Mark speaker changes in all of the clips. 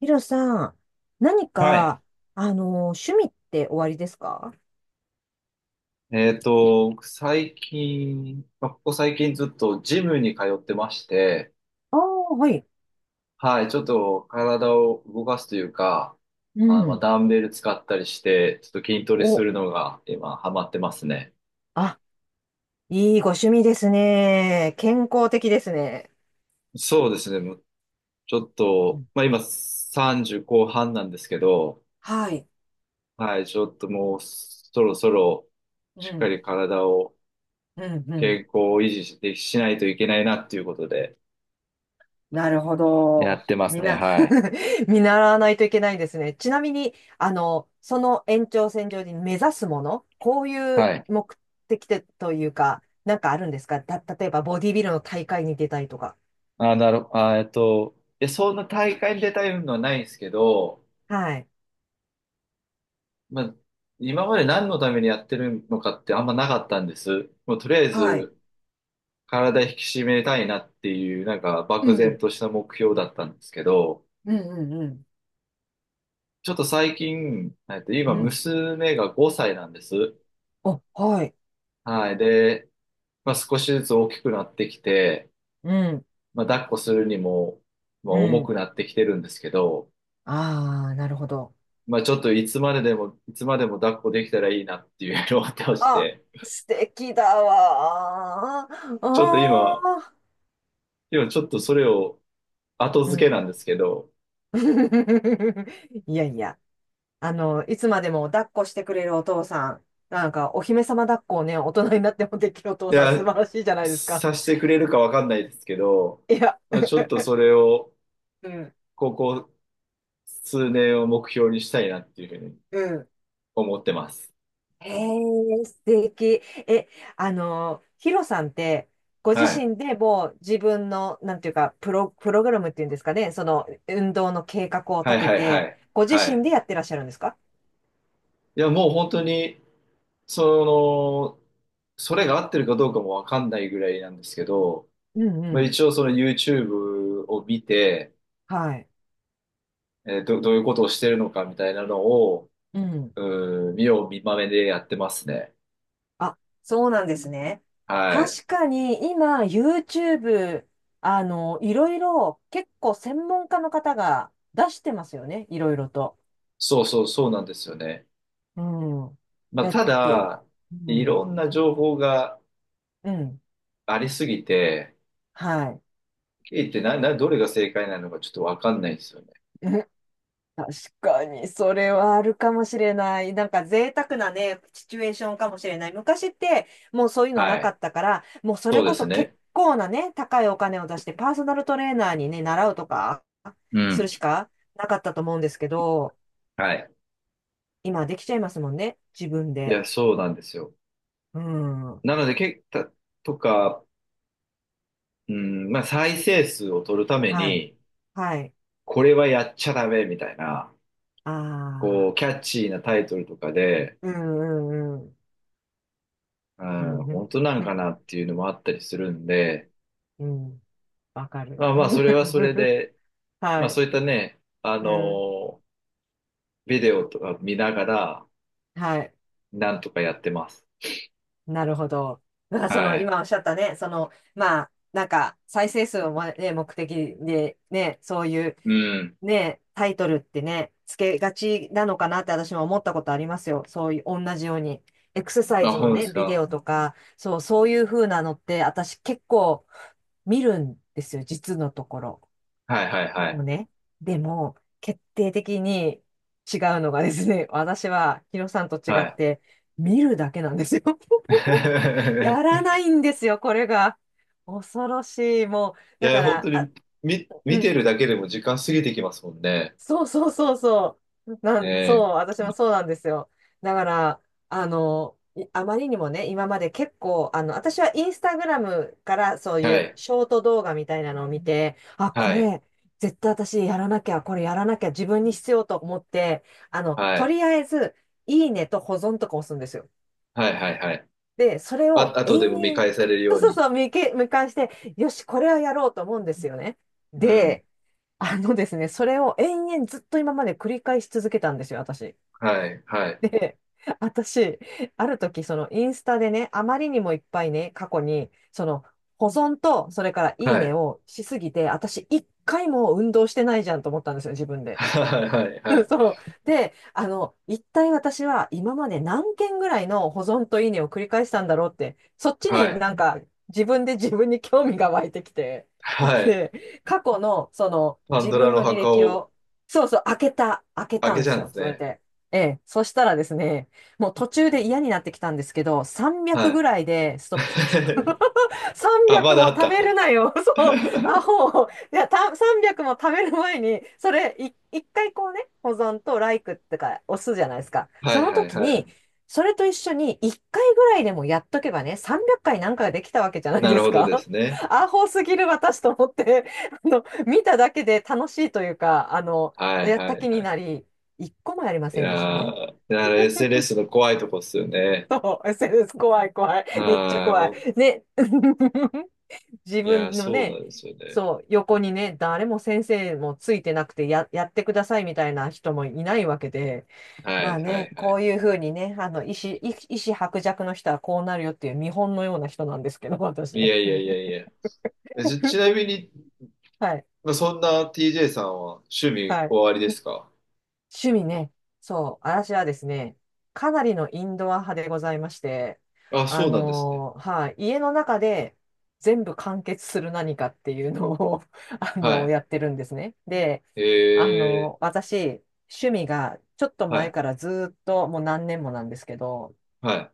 Speaker 1: ヒロさん、何
Speaker 2: はい。
Speaker 1: か、趣味っておありですか？
Speaker 2: 僕最近、まあここ最近ずっとジムに通ってまして、
Speaker 1: ああー、はい。
Speaker 2: はい、ちょっと体を動かすというか、
Speaker 1: う
Speaker 2: あ、まあ、
Speaker 1: ん。
Speaker 2: ダンベル使ったりして、ちょっと筋トレす
Speaker 1: お、
Speaker 2: るのが今ハマってますね。
Speaker 1: あ、いいご趣味ですね。健康的ですね。
Speaker 2: そうですね、もうちょっ
Speaker 1: う
Speaker 2: と、
Speaker 1: ん。
Speaker 2: まあ今30後半なんですけど、
Speaker 1: はい。
Speaker 2: はい、ちょっともうそろそろ
Speaker 1: う
Speaker 2: しっか
Speaker 1: ん。
Speaker 2: り体を
Speaker 1: うん、う
Speaker 2: 健
Speaker 1: ん。
Speaker 2: 康を維持しないといけないなっていうことで
Speaker 1: なるほ
Speaker 2: やっ
Speaker 1: ど。
Speaker 2: てます
Speaker 1: みん
Speaker 2: ね、
Speaker 1: な
Speaker 2: はい。
Speaker 1: 見習わないといけないですね。ちなみに、その延長線上に目指すもの、こういう
Speaker 2: はい。
Speaker 1: 目的でというか、なんかあるんですかた、例えばボディビルの大会に出たりとか。
Speaker 2: あー、なる、あー、えっと、いや、そんな大会に出たいのはないんですけど、
Speaker 1: はい。
Speaker 2: まあ、今まで何のためにやってるのかってあんまなかったんです。もうとりあえ
Speaker 1: はい。
Speaker 2: ず、体引き締めたいなっていう、なんか、
Speaker 1: う
Speaker 2: 漠然
Speaker 1: ん。
Speaker 2: とした目標だったんですけど、
Speaker 1: うん、うん、
Speaker 2: ちょっと最近、
Speaker 1: う
Speaker 2: 今、
Speaker 1: ん。うん。
Speaker 2: 娘が5歳なんです。
Speaker 1: お、はい。
Speaker 2: はい。で、まあ、少しずつ大きくなってきて、
Speaker 1: うん。
Speaker 2: まあ、抱っこするにも、まあ、
Speaker 1: う
Speaker 2: 重く
Speaker 1: ん。
Speaker 2: なってきてるんですけど、
Speaker 1: ああ、なるほど。
Speaker 2: まあちょっといつまでも抱っこできたらいいなっていうのをってまし
Speaker 1: あ、
Speaker 2: て、
Speaker 1: 素敵だわー。
Speaker 2: ちょっと
Speaker 1: あ
Speaker 2: 今、
Speaker 1: あ。
Speaker 2: 今ちょっとそれを後
Speaker 1: う
Speaker 2: 付けなん
Speaker 1: ん。
Speaker 2: ですけど、
Speaker 1: いやいや。いつまでも抱っこしてくれるお父さん。なんか、お姫様抱っこをね、大人になってもできるお父
Speaker 2: い
Speaker 1: さん、素
Speaker 2: や、
Speaker 1: 晴らしいじゃないですか。
Speaker 2: さしてくれるかわかんないですけど、
Speaker 1: いや、
Speaker 2: まあ、ちょっとそれを、
Speaker 1: うん。
Speaker 2: ここ数年を目標にしたいなっていうふうに
Speaker 1: うん。
Speaker 2: 思ってます。
Speaker 1: えー、素敵。え、あの、ヒロさんって、ご自
Speaker 2: はい。
Speaker 1: 身でもう自分の、なんていうか、プログラムっていうんですかね、その運動の計画を
Speaker 2: は
Speaker 1: 立
Speaker 2: い
Speaker 1: て
Speaker 2: はいは
Speaker 1: て、
Speaker 2: い。
Speaker 1: ご自
Speaker 2: は
Speaker 1: 身
Speaker 2: い。
Speaker 1: でやってらっしゃるんですか？
Speaker 2: いや、もう本当に、その、それが合ってるかどうかもわかんないぐらいなんですけど、
Speaker 1: うん、う
Speaker 2: まあ、
Speaker 1: ん。
Speaker 2: 一応その YouTube を見て、
Speaker 1: はい。
Speaker 2: どういうことをしてるのかみたいなのを、
Speaker 1: うん。
Speaker 2: 見よう見まねでやってますね。
Speaker 1: あ、そうなんですね。
Speaker 2: はい。
Speaker 1: 確かに今、YouTube、いろいろ結構専門家の方が出してますよね、いろいろと。
Speaker 2: そうそうそうなんですよね。
Speaker 1: うん。
Speaker 2: まあ、
Speaker 1: だっ
Speaker 2: た
Speaker 1: て、
Speaker 2: だ、
Speaker 1: う
Speaker 2: いろ
Speaker 1: ん。
Speaker 2: んな情報が
Speaker 1: うん。
Speaker 2: ありすぎて、
Speaker 1: はい。
Speaker 2: 聞いてな、な、どれが正解なのかちょっとわかんないんですよね。
Speaker 1: 確かに、それはあるかもしれない。なんか贅沢なね、シチュエーションかもしれない。昔って、もうそういうのな
Speaker 2: は
Speaker 1: か
Speaker 2: い。
Speaker 1: ったから、もうそ
Speaker 2: そ
Speaker 1: れ
Speaker 2: う
Speaker 1: こ
Speaker 2: です
Speaker 1: そ結
Speaker 2: ね。
Speaker 1: 構なね、高いお金を出して、パーソナルトレーナーにね、習うとか、
Speaker 2: う
Speaker 1: する
Speaker 2: ん。
Speaker 1: しかなかったと思うんですけど、
Speaker 2: はい。
Speaker 1: 今できちゃいますもんね、自分
Speaker 2: い
Speaker 1: で。
Speaker 2: や、そうなんですよ。
Speaker 1: うん。は
Speaker 2: なので、け、た、とか、うん、まあ、再生数を取るため
Speaker 1: い。
Speaker 2: に、
Speaker 1: はい。
Speaker 2: これはやっちゃダメみたいな、
Speaker 1: あ
Speaker 2: こう、キ
Speaker 1: あ。
Speaker 2: ャッチーなタイトルとかで、
Speaker 1: うん、うん、うん。
Speaker 2: う
Speaker 1: う
Speaker 2: ん、本当なんか
Speaker 1: ん。
Speaker 2: なっていうのもあったりするんで、
Speaker 1: うん。わかる。
Speaker 2: まあまあ、それはそれ で、まあ
Speaker 1: は
Speaker 2: そ
Speaker 1: い。
Speaker 2: ういったね、
Speaker 1: うん。
Speaker 2: ビデオとか見ながら、
Speaker 1: はい。
Speaker 2: なんとかやってます。
Speaker 1: なるほど。だからそ
Speaker 2: は
Speaker 1: の
Speaker 2: い。
Speaker 1: 今おっしゃったね、そのまあなんか再生数を、まね、目的でね、そういう
Speaker 2: うん。
Speaker 1: ね、タイトルってね、つけがちなのかなって私も思ったことありますよ。そういう同じように。エクササイ
Speaker 2: あ、
Speaker 1: ズの
Speaker 2: 本で
Speaker 1: ね、
Speaker 2: す
Speaker 1: ビデ
Speaker 2: か？
Speaker 1: オとか、そう、そういう風なのって私結構見るんですよ、実のところ。
Speaker 2: はいはい
Speaker 1: で
Speaker 2: は
Speaker 1: も
Speaker 2: い。
Speaker 1: ね、でも決定的に違うのがですね、私はヒロさんと違
Speaker 2: は
Speaker 1: っ
Speaker 2: い。
Speaker 1: て見るだけなんですよ。やら ないんですよ、これが。恐ろしい。もう、
Speaker 2: い
Speaker 1: だ
Speaker 2: や、
Speaker 1: か
Speaker 2: 本
Speaker 1: ら、
Speaker 2: 当
Speaker 1: あ、
Speaker 2: に見、
Speaker 1: う
Speaker 2: 見てる
Speaker 1: ん、
Speaker 2: だけでも時間過ぎてきますもんね。
Speaker 1: そう、そう、そう、そう。
Speaker 2: え
Speaker 1: そ
Speaker 2: え
Speaker 1: う、私
Speaker 2: 本当
Speaker 1: も
Speaker 2: に
Speaker 1: そうなんですよ。だから、あまりにもね、今まで結構、私はインスタグラムからそうい
Speaker 2: は
Speaker 1: う
Speaker 2: い。
Speaker 1: ショート動画みたいなのを見て、あ、こ
Speaker 2: はい。
Speaker 1: れ、絶対私やらなきゃ、これやらなきゃ、自分に必要と思って、
Speaker 2: は
Speaker 1: と
Speaker 2: い。
Speaker 1: りあえず、いいねと保存とか押すんですよ。
Speaker 2: はいはいはい。
Speaker 1: で、それ
Speaker 2: あ、
Speaker 1: を
Speaker 2: あと
Speaker 1: 延
Speaker 2: でも見
Speaker 1: 々、
Speaker 2: 返される
Speaker 1: そ
Speaker 2: よ
Speaker 1: う、
Speaker 2: う
Speaker 1: そう、
Speaker 2: に。
Speaker 1: そう、見返して、よし、これはやろうと思うんですよね。
Speaker 2: うん。
Speaker 1: で、あのですね、それを延々ずっと今まで繰り返し続けたんですよ、私。
Speaker 2: はい。は
Speaker 1: で、
Speaker 2: い。
Speaker 1: 私、ある時、そのインスタでね、あまりにもいっぱいね、過去に、その、保存と、それからいい
Speaker 2: は
Speaker 1: ね
Speaker 2: い。
Speaker 1: をしすぎて、私、一回も運動してないじゃんと思ったんですよ、自分で。
Speaker 2: はい。はい。はい。
Speaker 1: そう。で、一体私は今まで何件ぐらいの保存といいねを繰り返したんだろうって、そっち
Speaker 2: は
Speaker 1: に
Speaker 2: い。
Speaker 1: なんか自分で自分に興味が湧いてきて、
Speaker 2: は い。
Speaker 1: で、過去のその
Speaker 2: パン
Speaker 1: 自
Speaker 2: ドラ
Speaker 1: 分
Speaker 2: の
Speaker 1: の履
Speaker 2: 墓
Speaker 1: 歴
Speaker 2: を
Speaker 1: を、そう、そう、開けた、開け
Speaker 2: 開
Speaker 1: たん
Speaker 2: け
Speaker 1: で
Speaker 2: ちゃ
Speaker 1: す
Speaker 2: うんで
Speaker 1: よ、
Speaker 2: す
Speaker 1: それ
Speaker 2: ね。
Speaker 1: で。ええ、そしたらですね、もう途中で嫌になってきたんですけど、
Speaker 2: は
Speaker 1: 300ぐ
Speaker 2: い。
Speaker 1: らいでストップしました。
Speaker 2: あ、ま
Speaker 1: 300
Speaker 2: だ
Speaker 1: も
Speaker 2: あっ
Speaker 1: 食
Speaker 2: た。
Speaker 1: べる なよ。そう。アホ。いや、300も食べる前に、それ、一回こうね、保存とライクってか、押すじゃないですか。
Speaker 2: は
Speaker 1: そ
Speaker 2: い
Speaker 1: の
Speaker 2: はい
Speaker 1: 時
Speaker 2: はい。
Speaker 1: に、それと一緒に一回ぐらいでもやっとけばね、300回なんかができたわけじゃない
Speaker 2: な
Speaker 1: で
Speaker 2: る
Speaker 1: す
Speaker 2: ほどで
Speaker 1: か。
Speaker 2: すね。
Speaker 1: アホすぎる私と思って、見ただけで楽しいというか、
Speaker 2: はい
Speaker 1: やっ
Speaker 2: は
Speaker 1: た
Speaker 2: い
Speaker 1: 気に
Speaker 2: は
Speaker 1: な
Speaker 2: い。
Speaker 1: り、一個もやりま
Speaker 2: い
Speaker 1: せんでした
Speaker 2: や
Speaker 1: ね。
Speaker 2: ー、SNS の怖いとこっすよね。
Speaker 1: そう、SNS 怖い、怖い。
Speaker 2: は
Speaker 1: めっちゃ
Speaker 2: い。
Speaker 1: 怖い。
Speaker 2: お
Speaker 1: ね。自
Speaker 2: いやー、
Speaker 1: 分の
Speaker 2: そうな
Speaker 1: ね、
Speaker 2: んですよね。
Speaker 1: そう、横にね、誰も先生もついてなくてやってくださいみたいな人もいないわけで、
Speaker 2: は
Speaker 1: まあ
Speaker 2: いは
Speaker 1: ね、
Speaker 2: いは
Speaker 1: こ
Speaker 2: い。
Speaker 1: ういうふうにね、意思薄弱の人はこうなるよっていう見本のような人なんですけど、私
Speaker 2: い
Speaker 1: ね。
Speaker 2: やいやいや いや。ちなみに、
Speaker 1: はい、
Speaker 2: まあ、そんな TJ さんは趣味
Speaker 1: はい。
Speaker 2: おありですか？
Speaker 1: 趣味ね。そう、私はですね、かなりのインドア派でございまして、
Speaker 2: あ、そうなんですね。
Speaker 1: はい、家の中で全部完結する何かっていうのを
Speaker 2: は
Speaker 1: やってるんですね。で、
Speaker 2: い。
Speaker 1: 私、趣味がちょっと
Speaker 2: は
Speaker 1: 前
Speaker 2: い。
Speaker 1: からずーっともう何年もなんですけど、
Speaker 2: はい。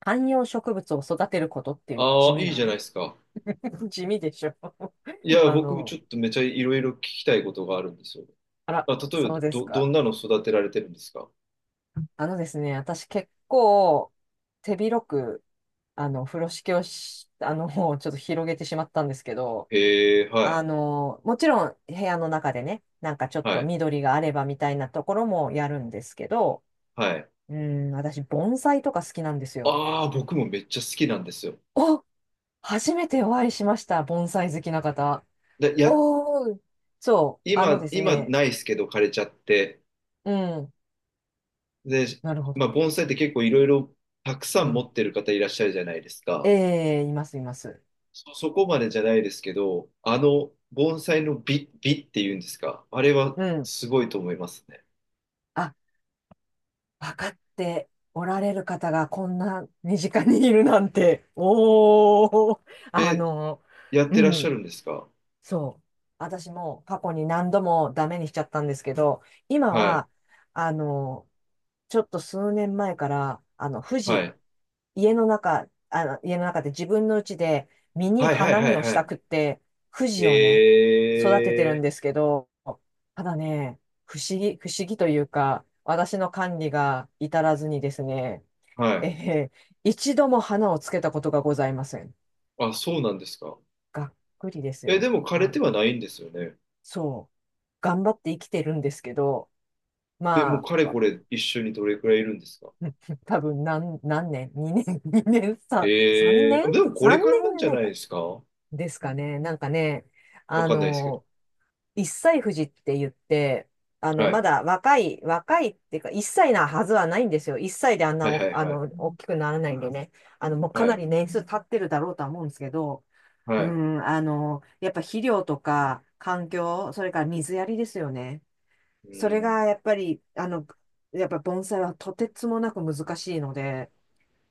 Speaker 1: 観葉植物を育てることっていう地
Speaker 2: ああ、
Speaker 1: 味
Speaker 2: いい
Speaker 1: な
Speaker 2: じゃない
Speaker 1: ね。
Speaker 2: ですか。
Speaker 1: 地味でしょ。
Speaker 2: いや、
Speaker 1: あ
Speaker 2: 僕ち
Speaker 1: の、
Speaker 2: ょっとめちゃいろいろ聞きたいことがあるんですよ。
Speaker 1: あら、
Speaker 2: あ、例え
Speaker 1: そ
Speaker 2: ば
Speaker 1: うです
Speaker 2: どん
Speaker 1: か。
Speaker 2: なの育てられてるんですか？
Speaker 1: あのですね、私結構手広く、風呂敷をし、もうちょっと広げてしまったんですけど、
Speaker 2: へえ、はい、
Speaker 1: もちろん部屋の中でね、なんかちょっ
Speaker 2: は
Speaker 1: と
Speaker 2: い、
Speaker 1: 緑があればみたいなところもやるんですけど、
Speaker 2: はい。
Speaker 1: うん、私、盆栽とか好きなんですよ。
Speaker 2: ああ、僕もめっちゃ好きなんですよ。
Speaker 1: お初めてお会いしました、盆栽好きな方。
Speaker 2: で、
Speaker 1: おー、そう、あので
Speaker 2: 今、
Speaker 1: す
Speaker 2: 今
Speaker 1: ね、
Speaker 2: ないですけど枯れちゃって。
Speaker 1: うん、
Speaker 2: で、
Speaker 1: なるほ
Speaker 2: まあ、
Speaker 1: ど。
Speaker 2: 盆栽って結構いろいろたくさ
Speaker 1: う
Speaker 2: ん持
Speaker 1: ん。
Speaker 2: ってる方いらっしゃるじゃないです
Speaker 1: え
Speaker 2: か。
Speaker 1: え、います、います。
Speaker 2: そこまでじゃないですけど、あの盆栽の美っていうんですか？あれは
Speaker 1: うん。
Speaker 2: すごいと思いますね。
Speaker 1: あ、分かっておられる方がこんな身近にいるなんて。おー、あ
Speaker 2: え、
Speaker 1: の、
Speaker 2: やっ
Speaker 1: う
Speaker 2: てらっしゃ
Speaker 1: ん。
Speaker 2: るんですか？
Speaker 1: そう、私も過去に何度もダメにしちゃったんですけど、今
Speaker 2: はい。
Speaker 1: は、あの、ちょっと数年前から、
Speaker 2: はい。
Speaker 1: 家の中で自分の家で実に
Speaker 2: はいはい
Speaker 1: 花
Speaker 2: は
Speaker 1: 見
Speaker 2: い
Speaker 1: をした
Speaker 2: は
Speaker 1: くって、富
Speaker 2: い。
Speaker 1: 士をね、育てて
Speaker 2: へ
Speaker 1: るん
Speaker 2: え。
Speaker 1: ですけど、ただね、不思議というか、私の管理が至らずにですね、
Speaker 2: は い。
Speaker 1: えー一度も花をつけたことがございません。
Speaker 2: あ、そうなんですか。
Speaker 1: がっくりです
Speaker 2: え、で
Speaker 1: よ。
Speaker 2: も枯れ
Speaker 1: は
Speaker 2: ては
Speaker 1: い。
Speaker 2: ないんですよね。
Speaker 1: そう、頑張って生きてるんですけど、
Speaker 2: え、もう
Speaker 1: ま
Speaker 2: かれ
Speaker 1: あ、
Speaker 2: これ一緒にどれくらいいるんですか？
Speaker 1: 多分何年？ 2 年？ 2 年3
Speaker 2: ええ。
Speaker 1: 年？
Speaker 2: あでもこれ
Speaker 1: 3 年
Speaker 2: からなん
Speaker 1: じゃ
Speaker 2: じゃ
Speaker 1: ない
Speaker 2: ないで
Speaker 1: か。
Speaker 2: すか。
Speaker 1: ですかね。なんかね、
Speaker 2: わ
Speaker 1: あ
Speaker 2: かんないですけど。
Speaker 1: の、一歳富士って言って、
Speaker 2: は
Speaker 1: ま
Speaker 2: い。
Speaker 1: だ若い、若いっていうか、一歳なはずはないんですよ。一歳であん
Speaker 2: は
Speaker 1: な
Speaker 2: いは
Speaker 1: お、
Speaker 2: い
Speaker 1: あ
Speaker 2: は
Speaker 1: の、
Speaker 2: い。
Speaker 1: 大きくならないんでね。もうか
Speaker 2: は
Speaker 1: な
Speaker 2: い。
Speaker 1: り年数経ってるだろうとは思うんですけど、う
Speaker 2: はい。
Speaker 1: ん、やっぱ肥料とか環境、それから水やりですよね。
Speaker 2: う
Speaker 1: それ
Speaker 2: ん。
Speaker 1: がやっぱり、やっぱ盆栽はとてつもなく難しいので、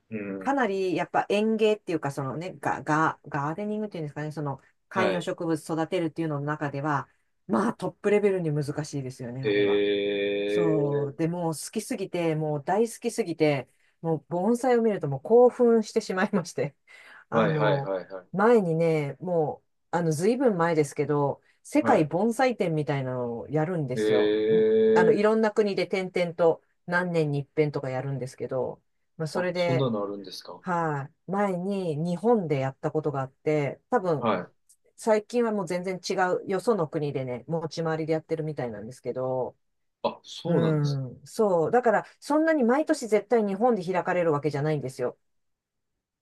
Speaker 2: う
Speaker 1: か
Speaker 2: ん。
Speaker 1: なりやっぱ園芸っていうか、そのね、ガーデニングっていうんですかね、その観
Speaker 2: は
Speaker 1: 葉
Speaker 2: い。
Speaker 1: 植物育てるっていうのの中では、まあトップレベルに難しいですよね、あれは。
Speaker 2: え
Speaker 1: そう。
Speaker 2: え。
Speaker 1: でもう好きすぎて、もう大好きすぎて、もう盆栽を見るともう興奮してしまいまして。
Speaker 2: は
Speaker 1: あ
Speaker 2: いはい
Speaker 1: の、
Speaker 2: はいはい。
Speaker 1: 前にね、もう、ずいぶん前ですけど、世
Speaker 2: は
Speaker 1: 界
Speaker 2: い。
Speaker 1: 盆栽展みたいなのをやるんで
Speaker 2: え
Speaker 1: すよ。い
Speaker 2: え。
Speaker 1: ろんな国で点々と何年に一遍とかやるんですけど、まあ、そ
Speaker 2: あ、
Speaker 1: れ
Speaker 2: そん
Speaker 1: で、
Speaker 2: なのあるんですか？
Speaker 1: はい、前に日本でやったことがあって、多分、
Speaker 2: はい。
Speaker 1: 最近はもう全然違う、よその国でね、持ち回りでやってるみたいなんですけど、
Speaker 2: あ、
Speaker 1: う
Speaker 2: そうなんですか。
Speaker 1: ん、そう。だから、そんなに毎年絶対日本で開かれるわけじゃないんですよ。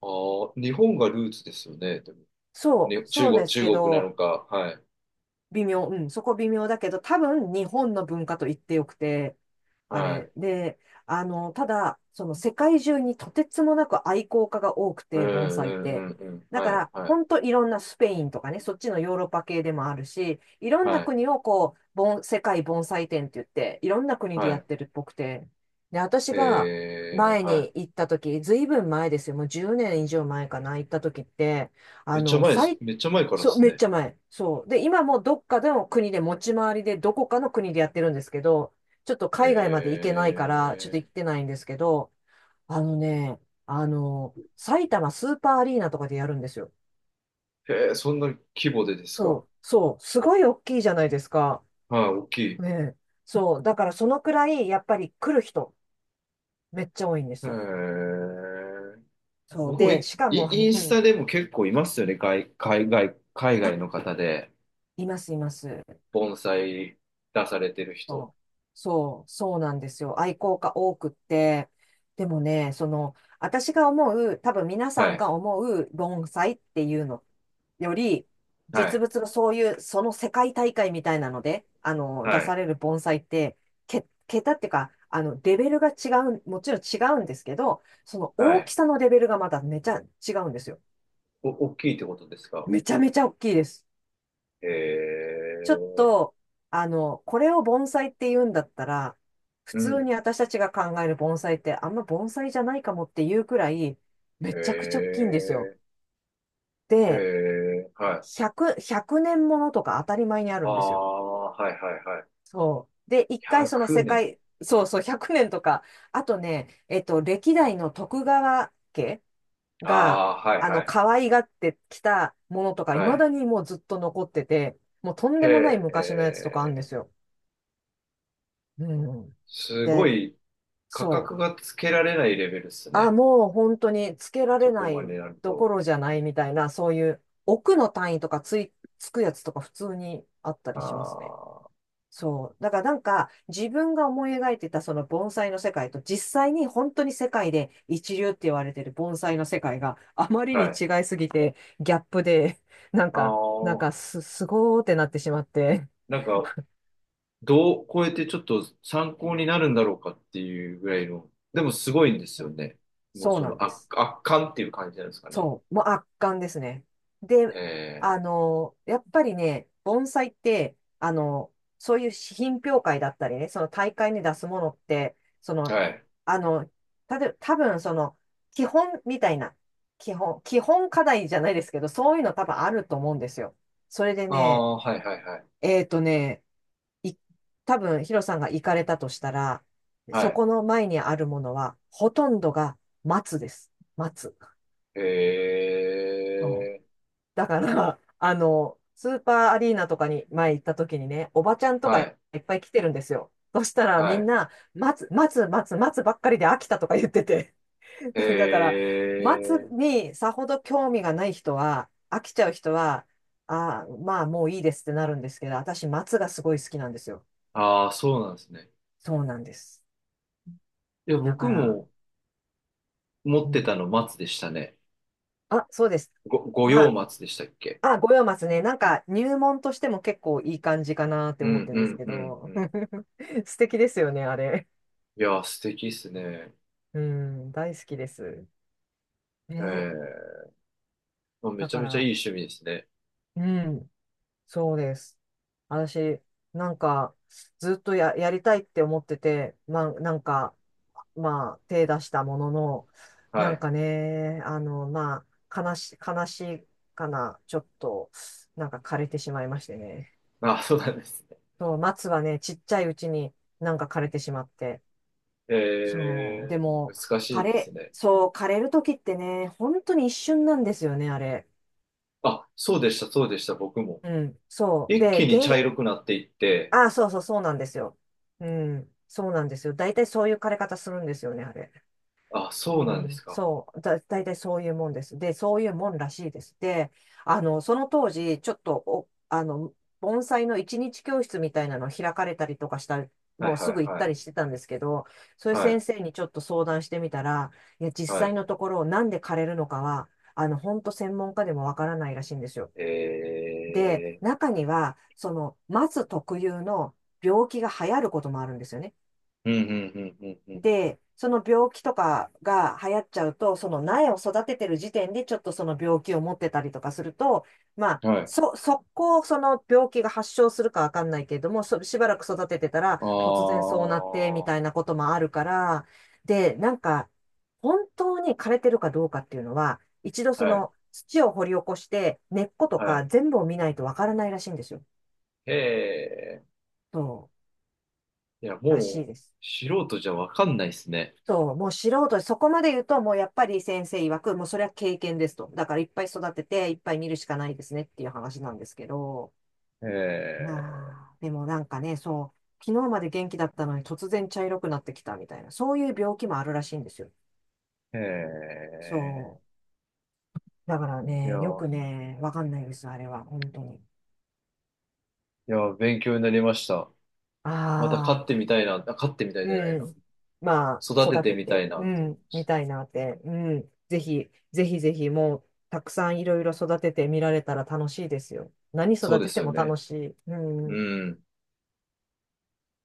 Speaker 2: ああ、日本がルーツですよね。でも
Speaker 1: そう、
Speaker 2: ね、中
Speaker 1: そう
Speaker 2: 国、
Speaker 1: です
Speaker 2: 中
Speaker 1: け
Speaker 2: 国な
Speaker 1: ど、
Speaker 2: のか、はい、
Speaker 1: 微妙、うん、そこ微妙だけど、多分日本の文化と言ってよくて、あ
Speaker 2: はい、
Speaker 1: れ。で、ただ、その世界中にとてつもなく愛好家が多く
Speaker 2: う
Speaker 1: て、盆
Speaker 2: ん、う
Speaker 1: 栽って。
Speaker 2: ん、うん、うん、
Speaker 1: だか
Speaker 2: はい、
Speaker 1: ら、
Speaker 2: はい、
Speaker 1: ほんといろんなスペインとかね、そっちのヨーロッパ系でもあるし、いろんな
Speaker 2: はい、
Speaker 1: 国をこう、世界盆栽展って言って、いろんな国でやっ
Speaker 2: は
Speaker 1: てるっぽくて。で、私
Speaker 2: い、
Speaker 1: が前
Speaker 2: は
Speaker 1: に
Speaker 2: い。
Speaker 1: 行った時、ずいぶん前ですよ。もう10年以上前かな、行った時って、あ
Speaker 2: めっちゃ
Speaker 1: の、
Speaker 2: 前です、
Speaker 1: 最
Speaker 2: めっちゃ前からで
Speaker 1: そう、
Speaker 2: す
Speaker 1: めっ
Speaker 2: ね。
Speaker 1: ちゃ前。そう。で、今もどっかの国で持ち回りで、どこかの国でやってるんですけど、ちょっと海外まで行けないから、ちょっと
Speaker 2: え
Speaker 1: 行ってないんですけど、あのね、埼玉スーパーアリーナとかでやるんですよ。
Speaker 2: へーそんな規模でですか？
Speaker 1: そう、そう、すごい大きいじゃないですか。
Speaker 2: はい、大きい。
Speaker 1: ねえ。そう、だからそのくらい、やっぱり来る人、めっちゃ多いんで
Speaker 2: え
Speaker 1: すよ。
Speaker 2: ー、
Speaker 1: そう、
Speaker 2: 僕も
Speaker 1: で、しか
Speaker 2: イ
Speaker 1: も、
Speaker 2: インスタでも結構いますよね、海
Speaker 1: あ、
Speaker 2: 外の方で、
Speaker 1: います、います。
Speaker 2: 盆栽出されてる人。
Speaker 1: そう、そうそうなんですよ。愛好家多くって。でもね、その、私が思う、多分皆
Speaker 2: は
Speaker 1: さん
Speaker 2: い、
Speaker 1: が思う盆栽っていうのより、
Speaker 2: は
Speaker 1: 実
Speaker 2: い、
Speaker 1: 物のそういう、その世界大会みたいなので、
Speaker 2: は
Speaker 1: 出さ
Speaker 2: い、
Speaker 1: れる盆栽って、桁っていうか、レベルが違う、もちろん違うんですけど、その
Speaker 2: は
Speaker 1: 大き
Speaker 2: い。
Speaker 1: さのレベルがまためちゃ違うんですよ。
Speaker 2: お、大きいってことですか？
Speaker 1: めちゃめちゃ大きいです。
Speaker 2: え
Speaker 1: ちょっと、これを盆栽って言うんだったら、普
Speaker 2: う
Speaker 1: 通
Speaker 2: ん。
Speaker 1: に私たちが考える盆栽ってあんま盆栽じゃないかもっていうくらい、め
Speaker 2: へ
Speaker 1: ちゃくちゃ大きいんですよ。
Speaker 2: え、へ
Speaker 1: で、
Speaker 2: え、はい。
Speaker 1: 100年ものとか当たり前にあ
Speaker 2: あ
Speaker 1: るんですよ。
Speaker 2: あ、はいはいはい。
Speaker 1: そう。で、一回その
Speaker 2: 100
Speaker 1: 世
Speaker 2: 年。
Speaker 1: 界、そうそう、100年とか、あとね、歴代の徳川家
Speaker 2: あ
Speaker 1: が、
Speaker 2: あ、はいはい。
Speaker 1: 可愛がってきたものとか、
Speaker 2: は
Speaker 1: 未
Speaker 2: い。
Speaker 1: だにもうずっと残ってて、もうとん
Speaker 2: へ
Speaker 1: でもない昔のやつとかあるんで
Speaker 2: え、
Speaker 1: すよ。うん。
Speaker 2: すご
Speaker 1: で、
Speaker 2: い価
Speaker 1: そ
Speaker 2: 格
Speaker 1: う。
Speaker 2: がつけられないレベルっす
Speaker 1: あ、
Speaker 2: ね。
Speaker 1: もう本当につけら
Speaker 2: そ
Speaker 1: れ
Speaker 2: こ
Speaker 1: な
Speaker 2: まで
Speaker 1: い
Speaker 2: になる
Speaker 1: どこ
Speaker 2: と。
Speaker 1: ろじゃないみたいな、そういう奥の単位とかつくやつとか普通にあった
Speaker 2: あ
Speaker 1: りしますね。
Speaker 2: あ、
Speaker 1: そう。だからなんか自分が思い描いてたその盆栽の世界と実際に本当に世界で一流って言われてる盆栽の世界があまりに
Speaker 2: はい。
Speaker 1: 違いすぎてギャップでなん
Speaker 2: あ
Speaker 1: か、
Speaker 2: あ、
Speaker 1: すごーってなってしまって。
Speaker 2: なんか、どう超えてちょっと参考になるんだろうかっていうぐらいの。でもすごいんです
Speaker 1: そ
Speaker 2: よ
Speaker 1: う
Speaker 2: ね。もう
Speaker 1: そう
Speaker 2: そ
Speaker 1: なん
Speaker 2: の
Speaker 1: で
Speaker 2: 圧、
Speaker 1: す。
Speaker 2: 圧巻っていう感じなんですかね。
Speaker 1: そう、もう圧巻ですね。で、
Speaker 2: え
Speaker 1: やっぱりね、盆栽って、そういう品評会だったりね、その大会に出すものって、そ
Speaker 2: え、
Speaker 1: の、
Speaker 2: はい。
Speaker 1: あの、多分その、基本みたいな、基本課題じゃないですけど、そういうの多分あると思うんですよ。それで
Speaker 2: あ
Speaker 1: ね、
Speaker 2: あ、はいはいはい。
Speaker 1: えっとね、い、多分ヒロさんが行かれたとしたら、
Speaker 2: は
Speaker 1: そ
Speaker 2: い。
Speaker 1: この前にあるものは、ほとんどが松です。松。
Speaker 2: え
Speaker 1: うん、
Speaker 2: え、
Speaker 1: だから、スーパーアリーナとかに前行った時にね、おばちゃんとか
Speaker 2: は
Speaker 1: い
Speaker 2: い、
Speaker 1: っぱい来てるんですよ。そしたら
Speaker 2: は
Speaker 1: みん
Speaker 2: い。
Speaker 1: な、待つばっかりで飽きたとか言ってて。だから、
Speaker 2: え
Speaker 1: 待つ
Speaker 2: え、
Speaker 1: にさほど興味がない人は、飽きちゃう人は、ああ、まあもういいですってなるんですけど、私、松がすごい好きなんですよ。
Speaker 2: ああ、そうなんですね。
Speaker 1: そうなんです。
Speaker 2: いや、
Speaker 1: だか
Speaker 2: 僕
Speaker 1: ら、
Speaker 2: も持
Speaker 1: う
Speaker 2: ってた
Speaker 1: ん。
Speaker 2: の松でしたね。
Speaker 1: あ、そうです。
Speaker 2: 五
Speaker 1: ま
Speaker 2: 葉
Speaker 1: あ、
Speaker 2: 松でしたっけ？
Speaker 1: あ、五葉松ね。なんか入門としても結構いい感じかなって
Speaker 2: う
Speaker 1: 思っ
Speaker 2: ん、
Speaker 1: てるん
Speaker 2: う
Speaker 1: です
Speaker 2: ん、
Speaker 1: け
Speaker 2: うん、
Speaker 1: ど。
Speaker 2: うん。
Speaker 1: 素敵ですよね、あれ。
Speaker 2: いやー、素敵っすね。
Speaker 1: うん、大好きです。
Speaker 2: え
Speaker 1: ね。
Speaker 2: え、まあめ
Speaker 1: だ
Speaker 2: ちゃ
Speaker 1: か
Speaker 2: めちゃいい
Speaker 1: ら、
Speaker 2: 趣味ですね。
Speaker 1: うん、そうです。私、なんか、ずっとや、やりたいって思ってて、まあ、なんか、まあ、手出したものの、な
Speaker 2: は
Speaker 1: ん
Speaker 2: い。
Speaker 1: かね、まあ、悲しいかな、ちょっと、なんか枯れてしまいましてね。
Speaker 2: あ、そうなんですね。
Speaker 1: そう、松はね、ちっちゃいうちになんか枯れてしまって。
Speaker 2: ええ、
Speaker 1: そう。でも、
Speaker 2: 難しいですね。
Speaker 1: そう、枯れる時ってね、本当に一瞬なんですよね、あれ。
Speaker 2: あ、そうでした、そうでした、僕も。
Speaker 1: うん、そう。
Speaker 2: 一
Speaker 1: で、
Speaker 2: 気に
Speaker 1: 原
Speaker 2: 茶
Speaker 1: 因、
Speaker 2: 色くなっていって、
Speaker 1: あ、そうなんですよ。うん、そうなんですよ。大体そういう枯れ方するんですよね、あれ。
Speaker 2: あ、そう
Speaker 1: う
Speaker 2: なんです
Speaker 1: ん、
Speaker 2: か。
Speaker 1: そう、大体そういうもんです。で、そういうもんらしいです。で、その当時、ちょっとお、あの、盆栽の一日教室みたいなの開かれたりとかした、
Speaker 2: はい、
Speaker 1: もう
Speaker 2: は
Speaker 1: す
Speaker 2: い、
Speaker 1: ぐ行っ
Speaker 2: は
Speaker 1: たり
Speaker 2: い。
Speaker 1: してたんですけど、そういう
Speaker 2: は
Speaker 1: 先
Speaker 2: い、
Speaker 1: 生にちょっと相談してみたら、いや、実
Speaker 2: は
Speaker 1: 際
Speaker 2: い。
Speaker 1: のところ、なんで枯れるのかは、本当専門家でもわからないらしいんですよ。で、
Speaker 2: ええ
Speaker 1: 中には、その、松特有の病気が流行ることもあるんですよね。
Speaker 2: ーうん、うん、うん、うん、
Speaker 1: で、その病気とかが流行っちゃうと、その苗を育ててる時点でちょっとその病気を持ってたりとかすると、まあ、
Speaker 2: うん。はい。
Speaker 1: 速攻その病気が発症するかわかんないけれども、そしばらく育ててたら
Speaker 2: ああ、
Speaker 1: 突然そうなってみ
Speaker 2: は
Speaker 1: たいなこともあるから、で、なんか、本当に枯れてるかどうかっていうのは、一度そ
Speaker 2: い、
Speaker 1: の土を掘り起こして根っこと
Speaker 2: は
Speaker 1: か
Speaker 2: い。
Speaker 1: 全部を見ないとわからないらしいんですよ。
Speaker 2: へえ。
Speaker 1: そ
Speaker 2: いや、
Speaker 1: う、らし
Speaker 2: も
Speaker 1: い
Speaker 2: う、
Speaker 1: です。
Speaker 2: 素人じゃわかんないっすね。
Speaker 1: そう、もう素人、そこまで言うと、もうやっぱり先生曰く、もうそれは経験ですと。だからいっぱい育てて、いっぱい見るしかないですねっていう話なんですけど、いや
Speaker 2: え
Speaker 1: ーでもなんかね、そう、昨日まで元気だったのに突然茶色くなってきたみたいな、そういう病気もあるらしいんですよ。
Speaker 2: え、え
Speaker 1: そう。だから
Speaker 2: え。いや、
Speaker 1: ね、よくね、わかんないです、あれは、本当に。
Speaker 2: いや、勉強になりました。また
Speaker 1: あ
Speaker 2: 飼って
Speaker 1: あ、
Speaker 2: みたいな、あ、飼ってみたいじゃない
Speaker 1: う
Speaker 2: な。
Speaker 1: ん。ま
Speaker 2: 育
Speaker 1: あ、
Speaker 2: て
Speaker 1: 育
Speaker 2: て
Speaker 1: て
Speaker 2: みた
Speaker 1: て、
Speaker 2: いな
Speaker 1: う
Speaker 2: って思いま
Speaker 1: ん、
Speaker 2: し
Speaker 1: み
Speaker 2: た。
Speaker 1: たいなって、うん。ぜひ、ぜひぜひ、もう、たくさんいろいろ育ててみられたら楽しいですよ。何
Speaker 2: そう
Speaker 1: 育
Speaker 2: で
Speaker 1: て
Speaker 2: す
Speaker 1: て
Speaker 2: よ
Speaker 1: も
Speaker 2: ね。
Speaker 1: 楽しい。うん。
Speaker 2: うん。